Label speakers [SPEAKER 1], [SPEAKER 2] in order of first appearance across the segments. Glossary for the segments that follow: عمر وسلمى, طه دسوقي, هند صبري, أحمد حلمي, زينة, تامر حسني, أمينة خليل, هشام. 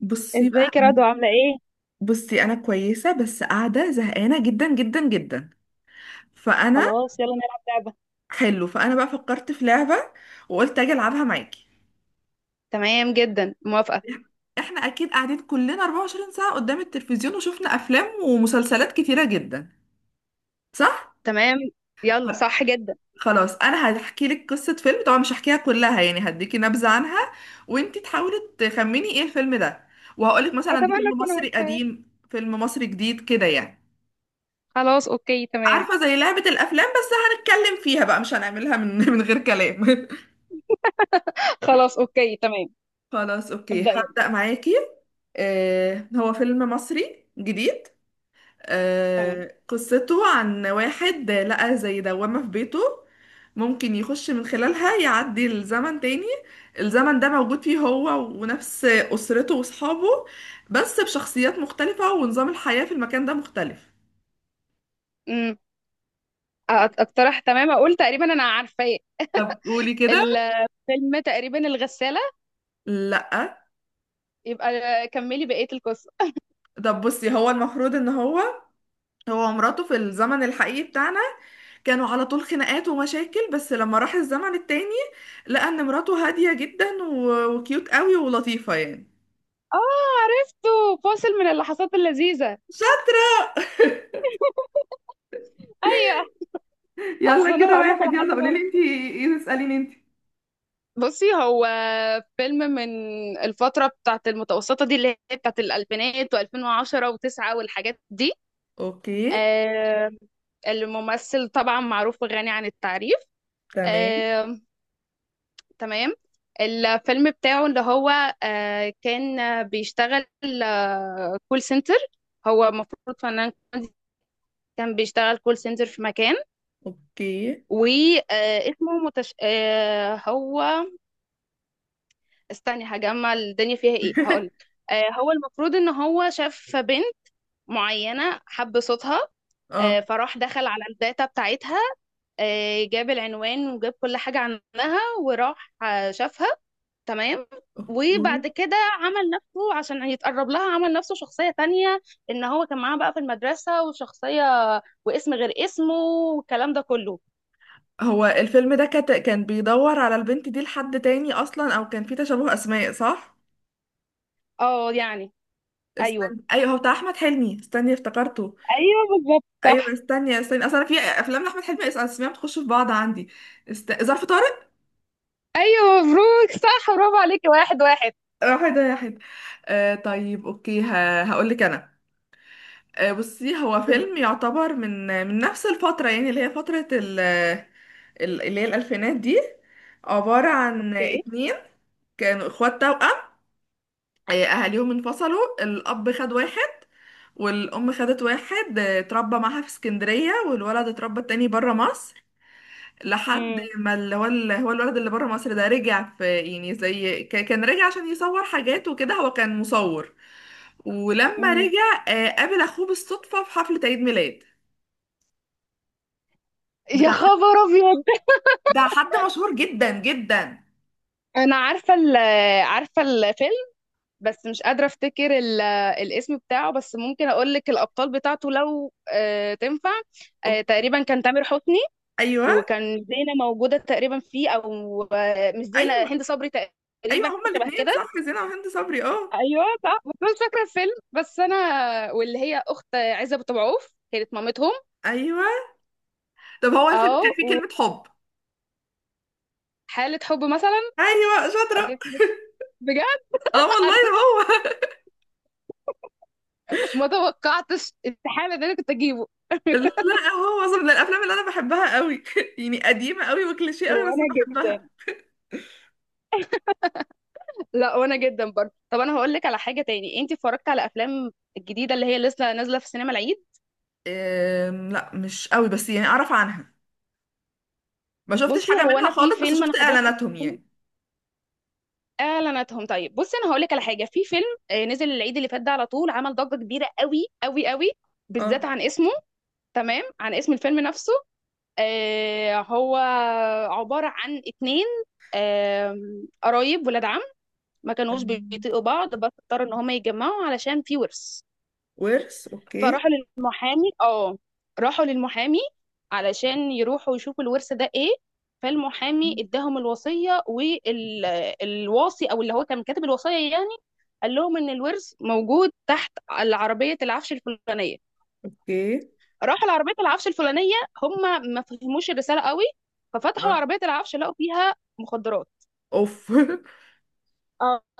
[SPEAKER 1] بصي بقى
[SPEAKER 2] ازيك يا
[SPEAKER 1] أنا-
[SPEAKER 2] رضوى، عاملة ايه؟
[SPEAKER 1] بصي انا كويسه، بس قاعده زهقانه جدا جدا جدا. فانا
[SPEAKER 2] خلاص يلا نلعب لعبة.
[SPEAKER 1] حلو، فانا بقى فكرت في لعبه، وقلت اجي العبها معاكي.
[SPEAKER 2] تمام جدا، موافقة.
[SPEAKER 1] احنا اكيد قاعدين كلنا 24 ساعه قدام التلفزيون، وشفنا افلام ومسلسلات كتيره جدا، صح؟
[SPEAKER 2] تمام،
[SPEAKER 1] خ-
[SPEAKER 2] يلا صح جدا.
[SPEAKER 1] خلاص، انا هحكي لك قصه فيلم، طبعا مش هحكيها كلها، يعني هديكي نبذه عنها، وانتي تحاولي تخمني ايه الفيلم ده. وهقولك مثلا ده
[SPEAKER 2] أتمنى
[SPEAKER 1] فيلم
[SPEAKER 2] أكون
[SPEAKER 1] مصري
[SPEAKER 2] عارفة.
[SPEAKER 1] قديم فيلم مصري جديد كده يعني.
[SPEAKER 2] خلاص اوكي تمام.
[SPEAKER 1] عارفة، زي لعبة الأفلام بس هنتكلم فيها بقى، مش هنعملها من من غير كلام.
[SPEAKER 2] خلاص اوكي تمام.
[SPEAKER 1] خلاص أوكي،
[SPEAKER 2] ابدأ يلا.
[SPEAKER 1] هبدأ معاكي. هو فيلم مصري جديد.
[SPEAKER 2] تمام.
[SPEAKER 1] قصته عن واحد لقى زي دوامة في بيته، ممكن يخش من خلالها يعدي الزمن تاني. الزمن ده موجود فيه هو، ونفس أسرته وأصحابه، بس بشخصيات مختلفة ونظام الحياة في المكان ده مختلف.
[SPEAKER 2] امم أ- اقترح تمام، اقول تقريبا انا عارفة.
[SPEAKER 1] طب قولي كده.
[SPEAKER 2] الفيلم تقريبا الغسالة.
[SPEAKER 1] لأ.
[SPEAKER 2] يبقى كملي بقية القصة.
[SPEAKER 1] طب بصي، هو المفروض ان هو هو ومراته في الزمن الحقيقي بتاعنا، كانوا على طول خناقات ومشاكل، بس لما راح الزمن التاني، لقى ان مراته هادية جدا و- وكيوت قوي ولطيفة يعني.
[SPEAKER 2] اه، عرفته، فاصل من اللحظات اللذيذة.
[SPEAKER 1] شاطر.
[SPEAKER 2] ايوه.
[SPEAKER 1] يلا
[SPEAKER 2] اصل انا
[SPEAKER 1] كده
[SPEAKER 2] هقول لك على
[SPEAKER 1] واحد، يلا قولي
[SPEAKER 2] حاجة.
[SPEAKER 1] لي انت، ايه تسأليني انت؟
[SPEAKER 2] بصي، هو فيلم من الفترة بتاعت المتوسطة دي، اللي هي بتاعت الألفينات و2010 و9 والحاجات دي.
[SPEAKER 1] اوكي،
[SPEAKER 2] آه الممثل طبعا معروف وغني عن التعريف.
[SPEAKER 1] تمام،
[SPEAKER 2] آه تمام. الفيلم بتاعه اللي هو كان بيشتغل كول سنتر. هو المفروض فنان كوميدي، كان بيشتغل كول سنتر في مكان،
[SPEAKER 1] اوكي،
[SPEAKER 2] واسمه متش... آه هو، استني هجمع الدنيا فيها ايه هقولك. هو المفروض ان هو شاف بنت معينة، حب صوتها.
[SPEAKER 1] اه،
[SPEAKER 2] فراح دخل على الداتا بتاعتها، جاب العنوان وجاب كل حاجة عنها، وراح شافها. تمام. وبعد
[SPEAKER 1] اوكي.
[SPEAKER 2] كده عمل نفسه عشان يتقرب لها، عمل نفسه شخصية تانية، ان هو كان معاها بقى في المدرسة وشخصية، واسم غير اسمه، والكلام ده كله.
[SPEAKER 1] هو الفيلم ده كان بيدور على البنت دي لحد تاني اصلا، او كان في تشابه اسماء، صح؟
[SPEAKER 2] اه يعني. ايوه.
[SPEAKER 1] استنى، ايوه، هو بتاع احمد حلمي، استني افتكرته.
[SPEAKER 2] ايوه بالظبط
[SPEAKER 1] ايوه،
[SPEAKER 2] صح.
[SPEAKER 1] استني استني، اصل انا في افلام لاحمد حلمي اسمها بتخش في بعض عندي. ظرف طارق.
[SPEAKER 2] ايوه مبروك، صح، برافو عليكي، واحد واحد.
[SPEAKER 1] آه، واحد، آه، واحد. آه، طيب اوكي، هقول لك انا. بصي، هو فيلم يعتبر من نفس الفتره، يعني اللي هي فتره اللي هي الالفينات دي، عباره عن
[SPEAKER 2] اوكي.
[SPEAKER 1] اتنين كانوا اخوات توأم. اهاليهم انفصلوا، الاب خد واحد والام خدت واحد. اتربى معاها في اسكندريه، والولد اتربى التاني بره مصر، لحد
[SPEAKER 2] امم.
[SPEAKER 1] ما اللي هو الولد اللي بره مصر ده رجع، في يعني زي كان رجع عشان يصور حاجات وكده، هو كان مصور. ولما
[SPEAKER 2] امم.
[SPEAKER 1] رجع قابل اخوه بالصدفة في حفلة عيد ميلاد،
[SPEAKER 2] يا
[SPEAKER 1] بتاع حد
[SPEAKER 2] خبر ابيض.
[SPEAKER 1] بتاع حد مشهور جدا جدا.
[SPEAKER 2] انا عارفه عارفه الفيلم، بس مش قادره افتكر الاسم بتاعه، بس ممكن اقول لك الابطال بتاعته لو تنفع.
[SPEAKER 1] أوكي.
[SPEAKER 2] تقريبا كان تامر حسني،
[SPEAKER 1] ايوه.
[SPEAKER 2] وكان زينه موجوده تقريبا فيه، او مش زينه،
[SPEAKER 1] ايوه.
[SPEAKER 2] هند صبري.
[SPEAKER 1] ايوه،
[SPEAKER 2] تقريبا
[SPEAKER 1] هما
[SPEAKER 2] حاجه شبه
[SPEAKER 1] الاثنين،
[SPEAKER 2] كده.
[SPEAKER 1] صح، زينة وهند صبري، اه.
[SPEAKER 2] ايوه صح، بس أنا مش فاكره الفيلم بس انا، واللي هي اخت عزه أبو تبعوف كانت مامتهم.
[SPEAKER 1] ايوه، طب هو الفيلم
[SPEAKER 2] اه.
[SPEAKER 1] كان فيه كلمة حب؟
[SPEAKER 2] حالة حب مثلًا.
[SPEAKER 1] ايوه، شاطرة.
[SPEAKER 2] أنا، بجد.
[SPEAKER 1] اه والله.
[SPEAKER 2] أنا
[SPEAKER 1] هو.
[SPEAKER 2] ما توقعتش استحالة إن أنا كنت أجيبه.
[SPEAKER 1] لا، هو أصلاً من الافلام اللي انا بحبها قوي، يعني قديمة قوي وكليشيه قوي بس
[SPEAKER 2] وأنا
[SPEAKER 1] بحبها.
[SPEAKER 2] جدًا، لأ وأنا جدًا برضه. طب أنا هاقول لِك على حاجة تاني، أنتِ اتفرجتِ على أفلام الجديدة اللي هي لسه نازلة في السينما العيد؟
[SPEAKER 1] لا، مش قوي بس يعني اعرف عنها، ما شفتش
[SPEAKER 2] بُصّي،
[SPEAKER 1] حاجة
[SPEAKER 2] هو
[SPEAKER 1] منها
[SPEAKER 2] أنا في
[SPEAKER 1] خالص بس
[SPEAKER 2] فيلم أنا
[SPEAKER 1] شفت
[SPEAKER 2] حضرته في
[SPEAKER 1] اعلاناتهم
[SPEAKER 2] السينما،
[SPEAKER 1] يعني.
[SPEAKER 2] إعلاناتهم. طيب، بُصّي، أنا هاقول لِك على حاجة. في فيلم نزل العيد اللي فات ده، على طول عمل ضجة كبيرة أوي، أوي، أوي، بالذات
[SPEAKER 1] اه.
[SPEAKER 2] عن اسمه. تمام، عن اسم الفيلم نفسه. هو عبارة عن 2 قرايب ولاد عم، ما كانوش
[SPEAKER 1] أم،
[SPEAKER 2] بيطيقوا بعض بس اضطروا ان هما يتجمعوا علشان في ورث.
[SPEAKER 1] ورث، اوكي.
[SPEAKER 2] فراحوا للمحامي، راحوا للمحامي علشان يروحوا يشوفوا الورث ده ايه. فالمحامي اداهم الوصية، والواصي او اللي هو كان كاتب الوصية يعني، قال لهم ان الورث موجود تحت العربية العفش الفلانية.
[SPEAKER 1] اوكي.
[SPEAKER 2] راحوا لعربية العفش الفلانية، هم ما فهموش الرسالة قوي، ففتحوا
[SPEAKER 1] اه.
[SPEAKER 2] عربية العفش لقوا فيها مخدرات.
[SPEAKER 1] اوف.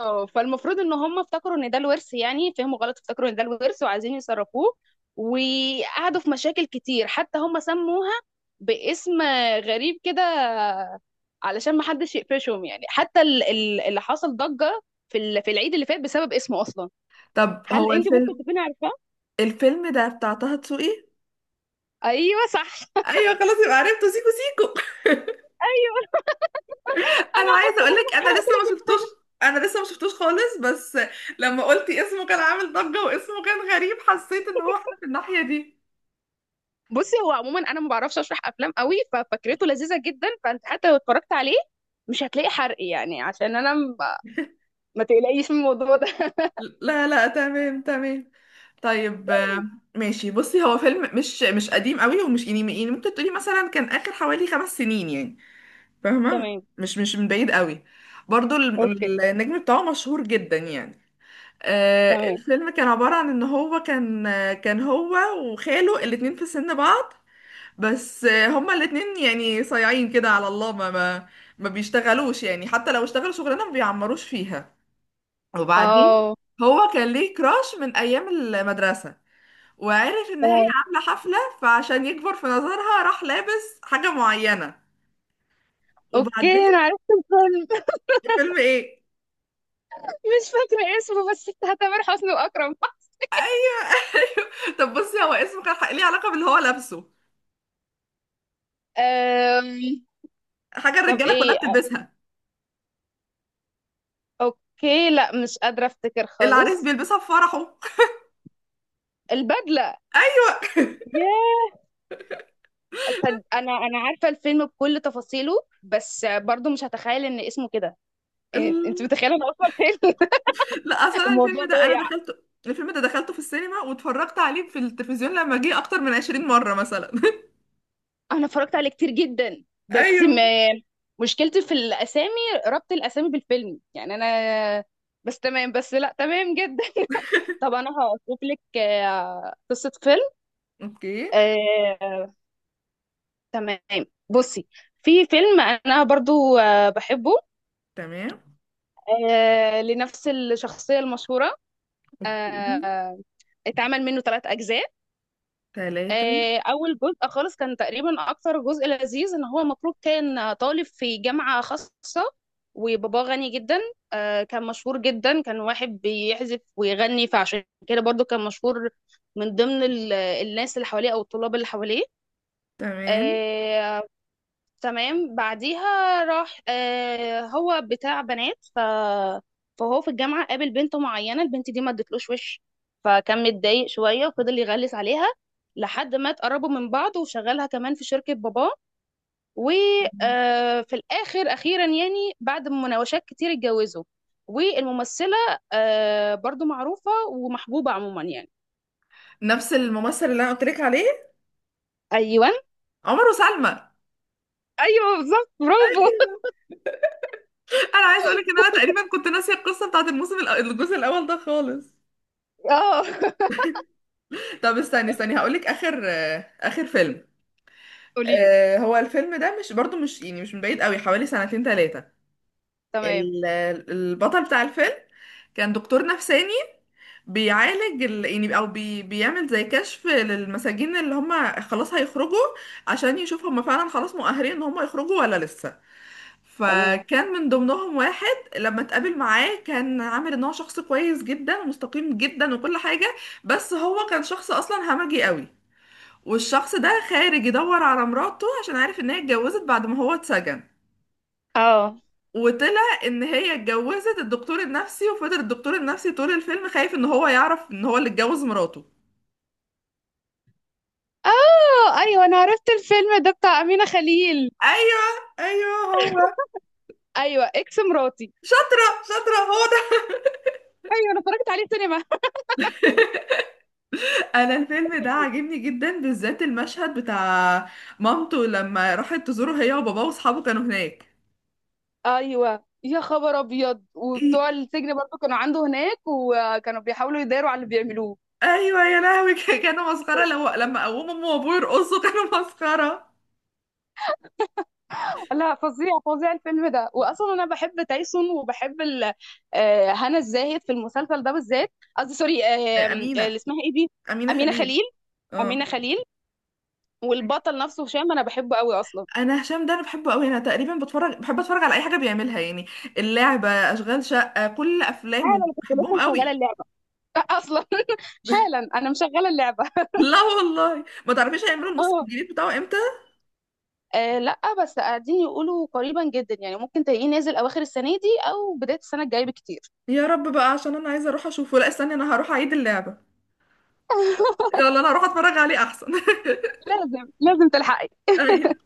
[SPEAKER 2] اه. فالمفروض ان هم افتكروا ان ده الورث يعني، فهموا غلط، افتكروا ان ده الورث وعايزين يصرفوه، وقعدوا في مشاكل كتير. حتى هم سموها باسم غريب كده علشان ما حدش يقفشهم يعني. حتى اللي حصل ضجة في العيد اللي فات بسبب اسمه اصلا.
[SPEAKER 1] طب
[SPEAKER 2] هل
[SPEAKER 1] هو
[SPEAKER 2] انت ممكن
[SPEAKER 1] الفيلم
[SPEAKER 2] تكوني عارفاه؟
[SPEAKER 1] الفيلم ده بتاع طه دسوقي؟
[SPEAKER 2] ايوه صح
[SPEAKER 1] ايوه، خلاص يبقى عرفته، سيكو. سيكو.
[SPEAKER 2] ايوه
[SPEAKER 1] انا
[SPEAKER 2] انا.
[SPEAKER 1] عايزه اقول لك انا لسه ما شفتوش، انا لسه ما شفتوش خالص، بس لما قلتي اسمه كان عامل ضجه واسمه كان غريب، حسيت ان هو احنا في الناحيه دي.
[SPEAKER 2] بصي هو عموما انا ما بعرفش اشرح افلام قوي، ففكرته لذيذه جدا، فانت حتى لو اتفرجت عليه مش هتلاقي حرق يعني، عشان انا، ما تقلقيش من الموضوع ده
[SPEAKER 1] لا لا، تمام تمام. طيب، ماشي، بصي، هو فيلم مش قديم قوي، ومش يعني ممكن تقولي مثلا كان اخر حوالي 5 سنين يعني، فاهمه؟
[SPEAKER 2] تمام،
[SPEAKER 1] مش من بعيد قوي. برضو
[SPEAKER 2] اوكي،
[SPEAKER 1] النجم بتاعه مشهور جدا يعني.
[SPEAKER 2] تمام.
[SPEAKER 1] الفيلم كان عبارة عن ان هو كان، كان هو وخاله الاتنين في سن بعض، بس هما الاتنين يعني صايعين كده على الله، ما ما بيشتغلوش يعني، حتى لو اشتغلوا شغلانة ما بيعمروش فيها. وبعدين
[SPEAKER 2] اه،
[SPEAKER 1] هو كان ليه كراش من ايام المدرسه، وعرف ان هي
[SPEAKER 2] تمام،
[SPEAKER 1] عامله حفله فعشان يكبر في نظرها راح لابس حاجه معينه.
[SPEAKER 2] اوكي.
[SPEAKER 1] وبعدين.
[SPEAKER 2] انا عرفت الفيلم
[SPEAKER 1] الفيلم ايه؟
[SPEAKER 2] مش فاكره اسمه، بس بتاع تامر حسني واكرم
[SPEAKER 1] طب بصي، هو اسمه كان ليه علاقه باللي هو لابسه،
[SPEAKER 2] أم...
[SPEAKER 1] حاجه
[SPEAKER 2] طب
[SPEAKER 1] الرجاله كلها
[SPEAKER 2] ايه،
[SPEAKER 1] بتلبسها،
[SPEAKER 2] اوكي، لا مش قادره افتكر
[SPEAKER 1] العريس
[SPEAKER 2] خالص.
[SPEAKER 1] بيلبسها في فرحه.
[SPEAKER 2] البدله.
[SPEAKER 1] ايوه.
[SPEAKER 2] ياه. انا عارفه الفيلم بكل تفاصيله، بس برضو مش هتخيل ان اسمه كده. إيه، انت
[SPEAKER 1] ال-
[SPEAKER 2] متخيله انا اصلا فين.
[SPEAKER 1] لا، اصلا
[SPEAKER 2] الموضوع
[SPEAKER 1] الفيلم ده انا
[SPEAKER 2] ضايع.
[SPEAKER 1] دخلته، الفيلم ده دخلته في السينما، واتفرجت عليه في التلفزيون لما جه اكتر من 20 مره مثلا.
[SPEAKER 2] انا اتفرجت عليه كتير جدا، بس ما
[SPEAKER 1] ايوه.
[SPEAKER 2] مشكلتي في الاسامي، ربط الاسامي بالفيلم يعني انا. بس تمام، بس لا تمام جدا طب انا هشوف لك قصة فيلم.
[SPEAKER 1] اوكي.
[SPEAKER 2] آه، تمام. بصي، في فيلم انا برضو بحبه،
[SPEAKER 1] تمام.
[SPEAKER 2] لنفس الشخصية المشهورة.
[SPEAKER 1] اوكي.
[SPEAKER 2] آه، اتعمل منه ثلاث اجزاء.
[SPEAKER 1] ثلاثة.
[SPEAKER 2] اول جزء خالص كان تقريبا اكتر جزء لذيذ، ان هو المفروض كان طالب في جامعة خاصة وباباه غني جدا. كان مشهور جدا، كان واحد بيعزف ويغني فعشان كده برضو كان مشهور من ضمن الناس اللي حواليه او الطلاب اللي حواليه.
[SPEAKER 1] تمام.
[SPEAKER 2] آه، تمام. بعديها راح هو بتاع بنات، فهو في الجامعة قابل بنت معينة، البنت دي ما ادتلوش وش، فكان متضايق شوية وفضل يغلس عليها لحد ما اتقربوا من بعض، وشغلها كمان في شركة باباه، وفي الآخر أخيرا يعني بعد مناوشات كتير اتجوزوا. والممثلة برضو معروفة ومحبوبة عموما يعني.
[SPEAKER 1] نفس الممثل اللي انا قلت لك عليه،
[SPEAKER 2] أيوة.
[SPEAKER 1] عمر وسلمى.
[SPEAKER 2] أيوة بالظبط، برافو
[SPEAKER 1] انا عايزه اقول لك ان انا تقريبا كنت ناسيه القصه بتاعت الموسم الجزء الاول ده خالص.
[SPEAKER 2] اه.
[SPEAKER 1] طب استني استني، هقول لك اخر فيلم.
[SPEAKER 2] قوليلي.
[SPEAKER 1] هو الفيلم ده مش، برضو مش يعني مش من بعيد قوي، حوالي سنتين ثلاثه.
[SPEAKER 2] تمام،
[SPEAKER 1] البطل بتاع الفيلم كان دكتور نفساني، بيعالج يعني بيعمل زي كشف للمساجين اللي هم خلاص هيخرجوا، عشان يشوف هم فعلا خلاص مؤهلين ان هم يخرجوا ولا لسه.
[SPEAKER 2] تمام.
[SPEAKER 1] فكان من ضمنهم واحد لما اتقابل معاه كان عامل ان هو شخص كويس جدا ومستقيم جدا وكل حاجة، بس هو كان شخص اصلا همجي قوي. والشخص ده خارج يدور على مراته عشان عارف ان هي اتجوزت بعد ما هو اتسجن،
[SPEAKER 2] اه.
[SPEAKER 1] وطلع ان هي اتجوزت الدكتور النفسي، وفضل الدكتور النفسي طول الفيلم خايف ان هو يعرف ان هو اللي اتجوز مراته.
[SPEAKER 2] اه ايوه انا عرفت الفيلم ده بتاع امينه خليل.
[SPEAKER 1] ايوه. ايوه، هو.
[SPEAKER 2] ايوه اكس مراتي.
[SPEAKER 1] شاطرة شاطرة، هو.
[SPEAKER 2] ايوه انا اتفرجت عليه سينما.
[SPEAKER 1] انا الفيلم ده عاجبني جدا، بالذات المشهد بتاع مامته لما راحت تزوره هي وباباه واصحابه كانوا هناك.
[SPEAKER 2] ايوه يا خبر ابيض،
[SPEAKER 1] إيه؟
[SPEAKER 2] وبتوع السجن برضو كانوا عنده هناك وكانوا بيحاولوا يداروا على اللي بيعملوه.
[SPEAKER 1] ايوه يا لهوي. كانوا مسخره، لو لما قوموا امه وابوه يرقصوا كانوا مسخره.
[SPEAKER 2] لا فظيع فظيع الفيلم ده، واصلا انا بحب تايسون وبحب هنا الزاهد في المسلسل ده بالذات. قصدي سوري،
[SPEAKER 1] آه،
[SPEAKER 2] اللي
[SPEAKER 1] امينه.
[SPEAKER 2] اسمها ايه دي.
[SPEAKER 1] امينه
[SPEAKER 2] امينه
[SPEAKER 1] خليل.
[SPEAKER 2] خليل. امينه
[SPEAKER 1] اه.
[SPEAKER 2] خليل. والبطل نفسه هشام انا بحبه قوي اصلا.
[SPEAKER 1] انا هشام ده انا بحبه قوي، انا تقريبا بحب اتفرج على اي حاجه بيعملها يعني، اللعبه، اشغال شقه، كل افلامه
[SPEAKER 2] حالا انا كنت لسه
[SPEAKER 1] بحبهم
[SPEAKER 2] مشغله
[SPEAKER 1] قوي.
[SPEAKER 2] اللعبه اصلا. حالا انا مشغله اللعبه.
[SPEAKER 1] لا والله، ما تعرفيش هيعملوا الموسم
[SPEAKER 2] اه.
[SPEAKER 1] الجديد بتاعه امتى؟
[SPEAKER 2] لا بس قاعدين يقولوا قريبا جدا يعني، ممكن تلاقيه نازل اواخر السنه دي او بدايه السنه الجايه بكتير.
[SPEAKER 1] يا رب بقى، عشان انا عايزه اروح اشوفه، لا استني انا هروح اعيد اللعبه، يلا انا هروح اتفرج عليه احسن.
[SPEAKER 2] لازم لازم تلحقي.
[SPEAKER 1] ايوه.